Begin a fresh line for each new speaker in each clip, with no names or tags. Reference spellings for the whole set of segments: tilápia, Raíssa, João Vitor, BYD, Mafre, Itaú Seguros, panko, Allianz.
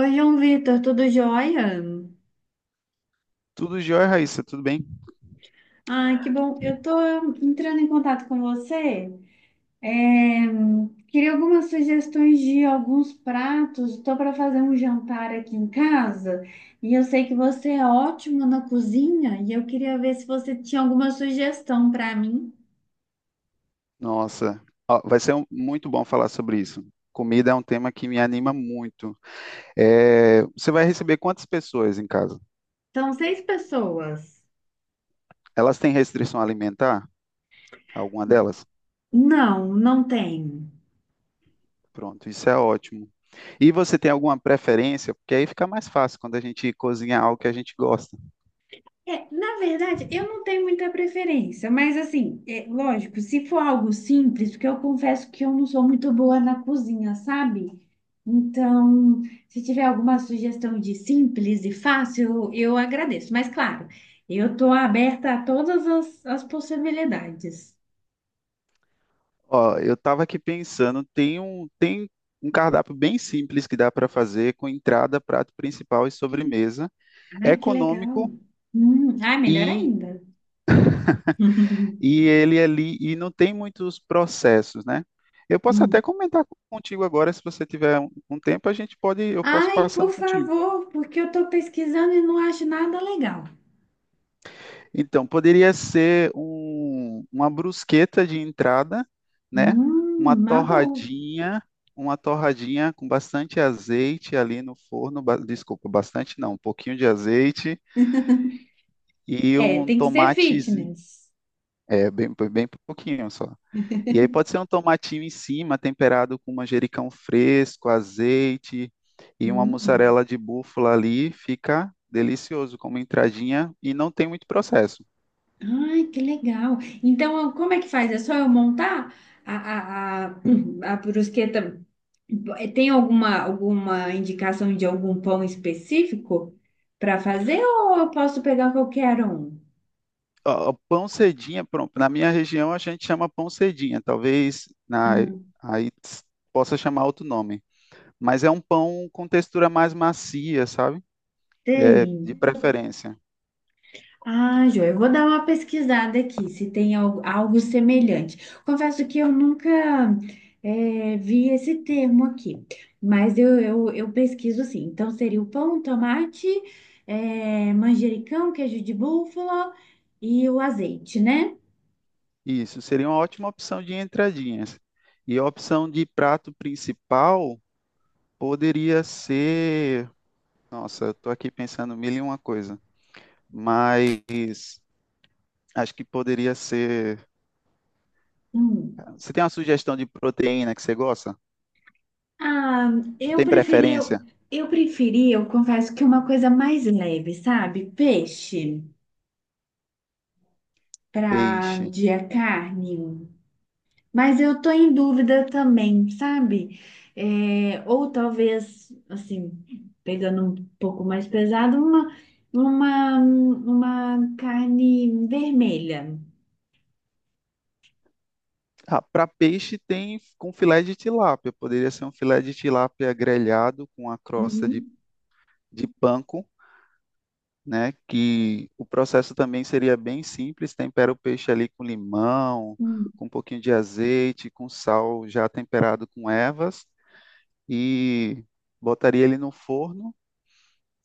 Oi, João Vitor, tudo jóia?
Tudo jóia, Raíssa, tudo bem?
Ai, que bom. Eu tô entrando em contato com você. É, queria algumas sugestões de alguns pratos. Estou para fazer um jantar aqui em casa e eu sei que você é ótimo na cozinha e eu queria ver se você tinha alguma sugestão para mim.
Nossa, ó, vai ser muito bom falar sobre isso. Comida é um tema que me anima muito. É, você vai receber quantas pessoas em casa?
São seis pessoas.
Elas têm restrição alimentar? Alguma delas?
Não, não tem.
Pronto, isso é ótimo. E você tem alguma preferência? Porque aí fica mais fácil quando a gente cozinha algo que a gente gosta.
É, na verdade, eu não tenho muita preferência, mas assim, é, lógico, se for algo simples, porque eu confesso que eu não sou muito boa na cozinha, sabe? Então, se tiver alguma sugestão de simples e fácil, eu agradeço. Mas claro, eu estou aberta a todas as possibilidades.
Ó, eu tava aqui pensando, tem um cardápio bem simples que dá para fazer com entrada, prato principal e sobremesa. É
Ai, que legal.
econômico
Ai, melhor
e,
ainda.
e ele ali e não tem muitos processos, né? Eu posso
Hum.
até comentar contigo agora, se você tiver um tempo, a gente pode, eu posso
Ai, por
passando contigo.
favor, porque eu estou pesquisando e não acho nada legal.
Então, poderia ser uma brusqueta de entrada, né? Uma
Uma boa.
torradinha, uma torradinha com bastante azeite ali no forno, desculpa, bastante não, um pouquinho de azeite e
É,
um
tem que ser
tomate,
fitness.
é, bem, bem pouquinho só. E aí pode ser um tomatinho em cima, temperado com manjericão fresco, azeite e uma
Uhum.
mussarela de búfala ali, fica delicioso como entradinha e não tem muito processo.
Ai, que legal. Então, como é que faz? É só eu montar a, a, a, a brusqueta? Tem alguma indicação de algum pão específico para fazer ou eu posso pegar qualquer um?
Ó, pão cedinha, pronto. Na minha região a gente chama pão cedinha, talvez
Ah,
aí ts- possa chamar outro nome. Mas é um pão com textura mais macia, sabe? É, de
tem.
preferência.
Ah, Jô, eu vou dar uma pesquisada aqui, se tem algo, semelhante. Confesso que eu nunca vi esse termo aqui, mas eu pesquiso sim. Então, seria o pão, tomate, manjericão, queijo de búfala e o azeite, né?
Isso seria uma ótima opção de entradinhas. E a opção de prato principal poderia ser. Nossa, eu tô aqui pensando mil e uma coisa. Mas acho que poderia ser.
Hum.
Você tem uma sugestão de proteína que você gosta?
Ah,
Você
eu
tem
preferi,
preferência?
eu confesso que uma coisa mais leve, sabe? Peixe para
Peixe.
dia carne. Mas eu tô em dúvida também, sabe? É, ou talvez, assim, pegando um pouco mais pesado, uma carne vermelha.
Ah, para peixe tem com filé de tilápia. Poderia ser um filé de tilápia grelhado com a crosta de,
Uhum.
de panko, né? Que o processo também seria bem simples. Tempera o peixe ali com limão,
Hum.
com um pouquinho de azeite, com sal já temperado com ervas e botaria ele no forno,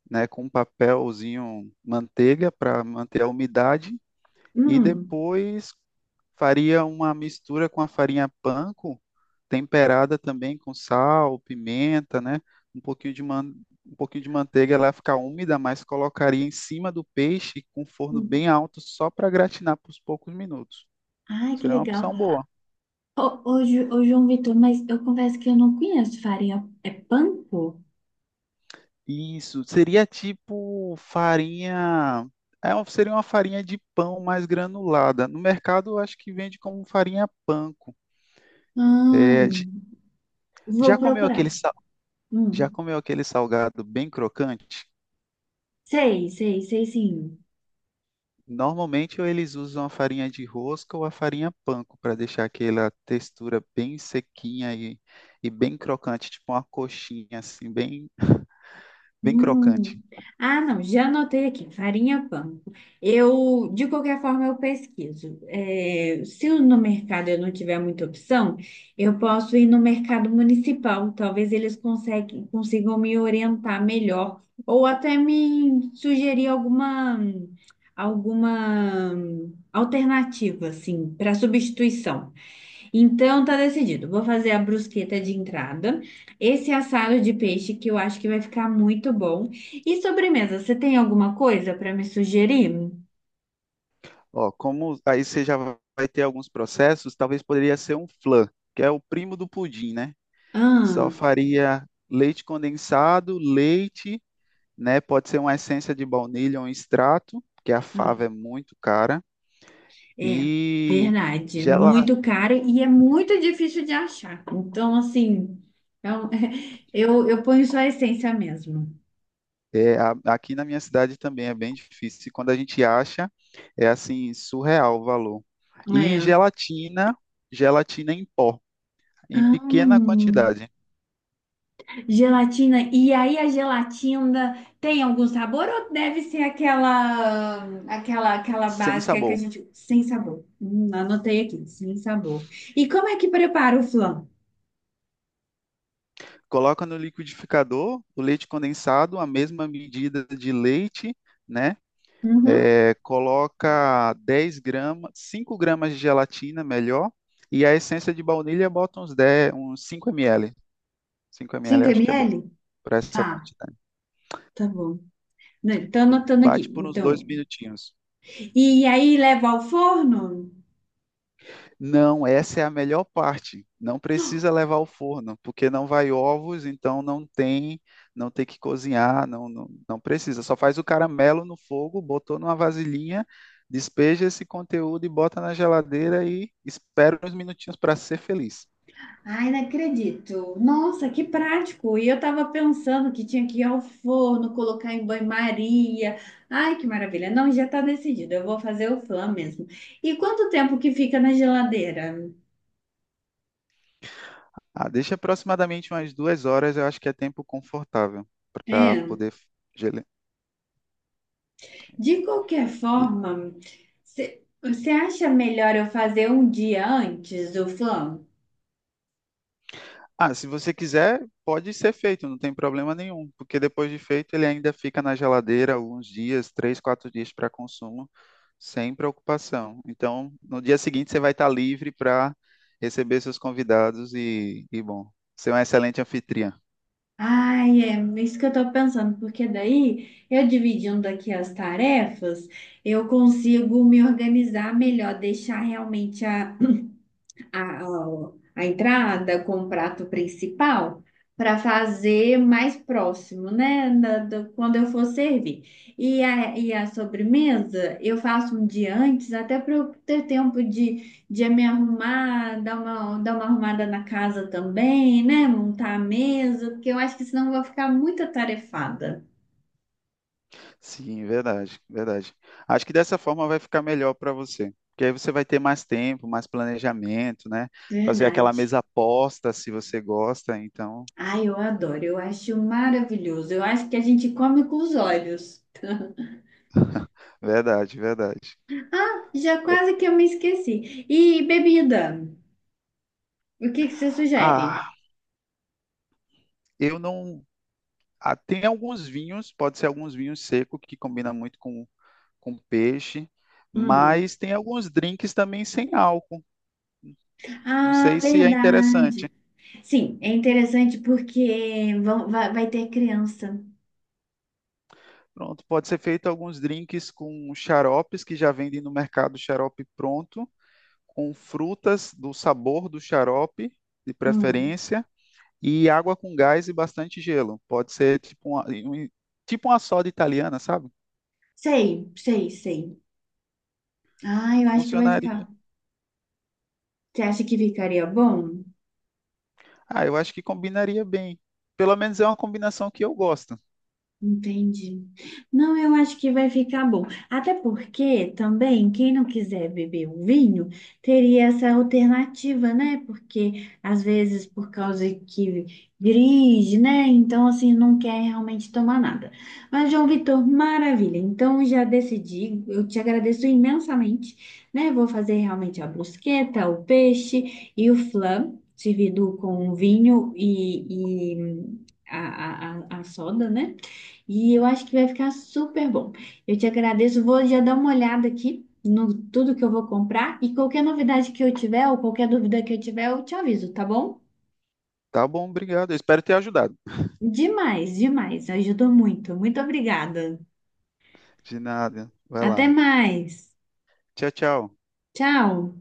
né? Com um papelzinho manteiga para manter a umidade. E
Hum.
depois faria uma mistura com a farinha panko, temperada também com sal, pimenta, né? Um pouquinho de, man... um pouquinho de manteiga, ela ia ficar úmida, mas colocaria em cima do peixe com forno
Hum.
bem alto só para gratinar por poucos minutos.
Ai, que
Seria uma
legal.
opção boa.
Ô, ô, João Vitor, mas eu confesso que eu não conheço farinha. É panko?
Isso, seria tipo farinha. É, seria uma farinha de pão mais granulada. No mercado, eu acho que vende como farinha panko.
Ah,
É,
vou
já comeu
procurar.
aquele já
Hum.
comeu aquele salgado bem crocante?
Sei, sei, sei sim.
Normalmente ou eles usam a farinha de rosca ou a farinha panko para deixar aquela textura bem sequinha e bem crocante, tipo uma coxinha assim, bem, bem crocante.
Hum. Ah, não, já anotei aqui, farinha panko. Eu, de qualquer forma, eu pesquiso. É, se no mercado eu não tiver muita opção, eu posso ir no mercado municipal. Talvez eles conseguem, consigam me orientar melhor, ou até me sugerir alguma alternativa, assim, para substituição. Então tá decidido. Vou fazer a brusqueta de entrada, esse assado de peixe que eu acho que vai ficar muito bom. E sobremesa, você tem alguma coisa para me sugerir?
Ó, como aí você já vai ter alguns processos, talvez poderia ser um flan, que é o primo do pudim, né? Só
Ah,
faria leite condensado, leite, né? Pode ser uma essência de baunilha ou um extrato, porque a fava é
ah,
muito cara.
é
E
verdade, é
gela,
muito caro e é muito difícil de achar. Então assim, é um- eu ponho só a essência mesmo.
aqui na minha cidade também é bem difícil. E quando a gente acha, é assim, surreal o valor. E
É.
gelatina, gelatina em pó, em
Ah,
pequena quantidade,
gelatina. E aí a gelatina tem algum sabor ou deve ser aquela
sem
básica que a
sabor.
gente sem sabor? Anotei aqui, sem sabor. E como é que prepara o flan?
Coloca no liquidificador o leite condensado, a mesma medida de leite, né?
Uhum.
É, coloca 10 gramas, 5 gramas de gelatina, melhor, e a essência de baunilha bota uns 10, uns 5 ml. 5 ml
5
acho que é bom
ml?
para essa
Tá,
quantidade.
tá bom. Não, tô anotando aqui.
Bate por uns dois
Então,
minutinhos.
e aí leva ao forno?
Não, essa é a melhor parte. Não precisa levar ao forno, porque não vai ovos, então não tem, que cozinhar, não, não, não precisa. Só faz o caramelo no fogo, botou numa vasilhinha, despeja esse conteúdo e bota na geladeira e espera uns minutinhos para ser feliz.
Ai, não acredito. Nossa, que prático. E eu tava pensando que tinha que ir ao forno, colocar em banho-maria. Ai, que maravilha. Não, já tá decidido. Eu vou fazer o flan mesmo. E quanto tempo que fica na geladeira?
Ah, deixa aproximadamente umas 2 horas, eu acho que é tempo confortável para
É,
poder gele-
de qualquer
e-
forma, você acha melhor eu fazer um dia antes do flan?
Ah, se você quiser, pode ser feito, não tem problema nenhum, porque depois de feito ele ainda fica na geladeira alguns dias, 3, 4 dias para consumo, sem preocupação. Então, no dia seguinte você vai estar livre para receber seus convidados e bom, ser um excelente anfitriã.
Ai, é isso que eu tô pensando, porque daí eu dividindo aqui as tarefas, eu consigo me organizar melhor, deixar realmente a entrada com o prato principal para fazer mais próximo, né? Quando eu for servir. E a, sobremesa eu faço um dia antes, até para eu ter tempo de me arrumar, dar uma arrumada na casa também, né? Montar a mesa, porque eu acho que senão eu vou ficar muito atarefada.
Sim, verdade, verdade. Acho que dessa forma vai ficar melhor para você, porque aí você vai ter mais tempo, mais planejamento, né? Fazer aquela
Verdade.
mesa aposta se você gosta, então,
Ai, eu adoro, eu acho maravilhoso. Eu acho que a gente come com os olhos.
verdade, verdade.
Ah, já quase que eu me esqueci. E bebida? O que que você
Ah,
sugere?
eu não. Ah, tem alguns vinhos, pode ser alguns vinhos secos que combina muito com peixe,
Hum.
mas tem alguns drinks também sem álcool. Não
Ah,
sei se é interessante.
verdade. Sim, é interessante porque vai ter criança.
Pronto, pode ser feito alguns drinks com xaropes que já vendem no mercado xarope pronto com frutas do sabor do xarope, de
Hum.
preferência, e água com gás e bastante gelo. Pode ser tipo uma soda italiana, sabe?
Sei, sei, sei. Ah, eu acho que vai
Funcionaria.
ficar. Você acha que ficaria bom?
Ah, eu acho que combinaria bem. Pelo menos é uma combinação que eu gosto.
Entendi. Não, eu acho que vai ficar bom. Até porque também, quem não quiser beber o vinho, teria essa alternativa, né? Porque às vezes, por causa que dirige, né? Então, assim, não quer realmente tomar nada. Mas, João Vitor, maravilha. Então, já decidi. Eu te agradeço imensamente, né? Vou fazer realmente a brusqueta, o peixe e o flan, servido com vinho e a a soda, né? E eu acho que vai ficar super bom. Eu te agradeço. Vou já dar uma olhada aqui no tudo que eu vou comprar. E qualquer novidade que eu tiver, ou qualquer dúvida que eu tiver, eu te aviso, tá bom?
Tá bom, obrigado. Eu espero ter ajudado.
Demais, demais. Ajudou muito. Muito obrigada.
De nada. Vai
Até
lá.
mais.
Tchau, tchau.
Tchau.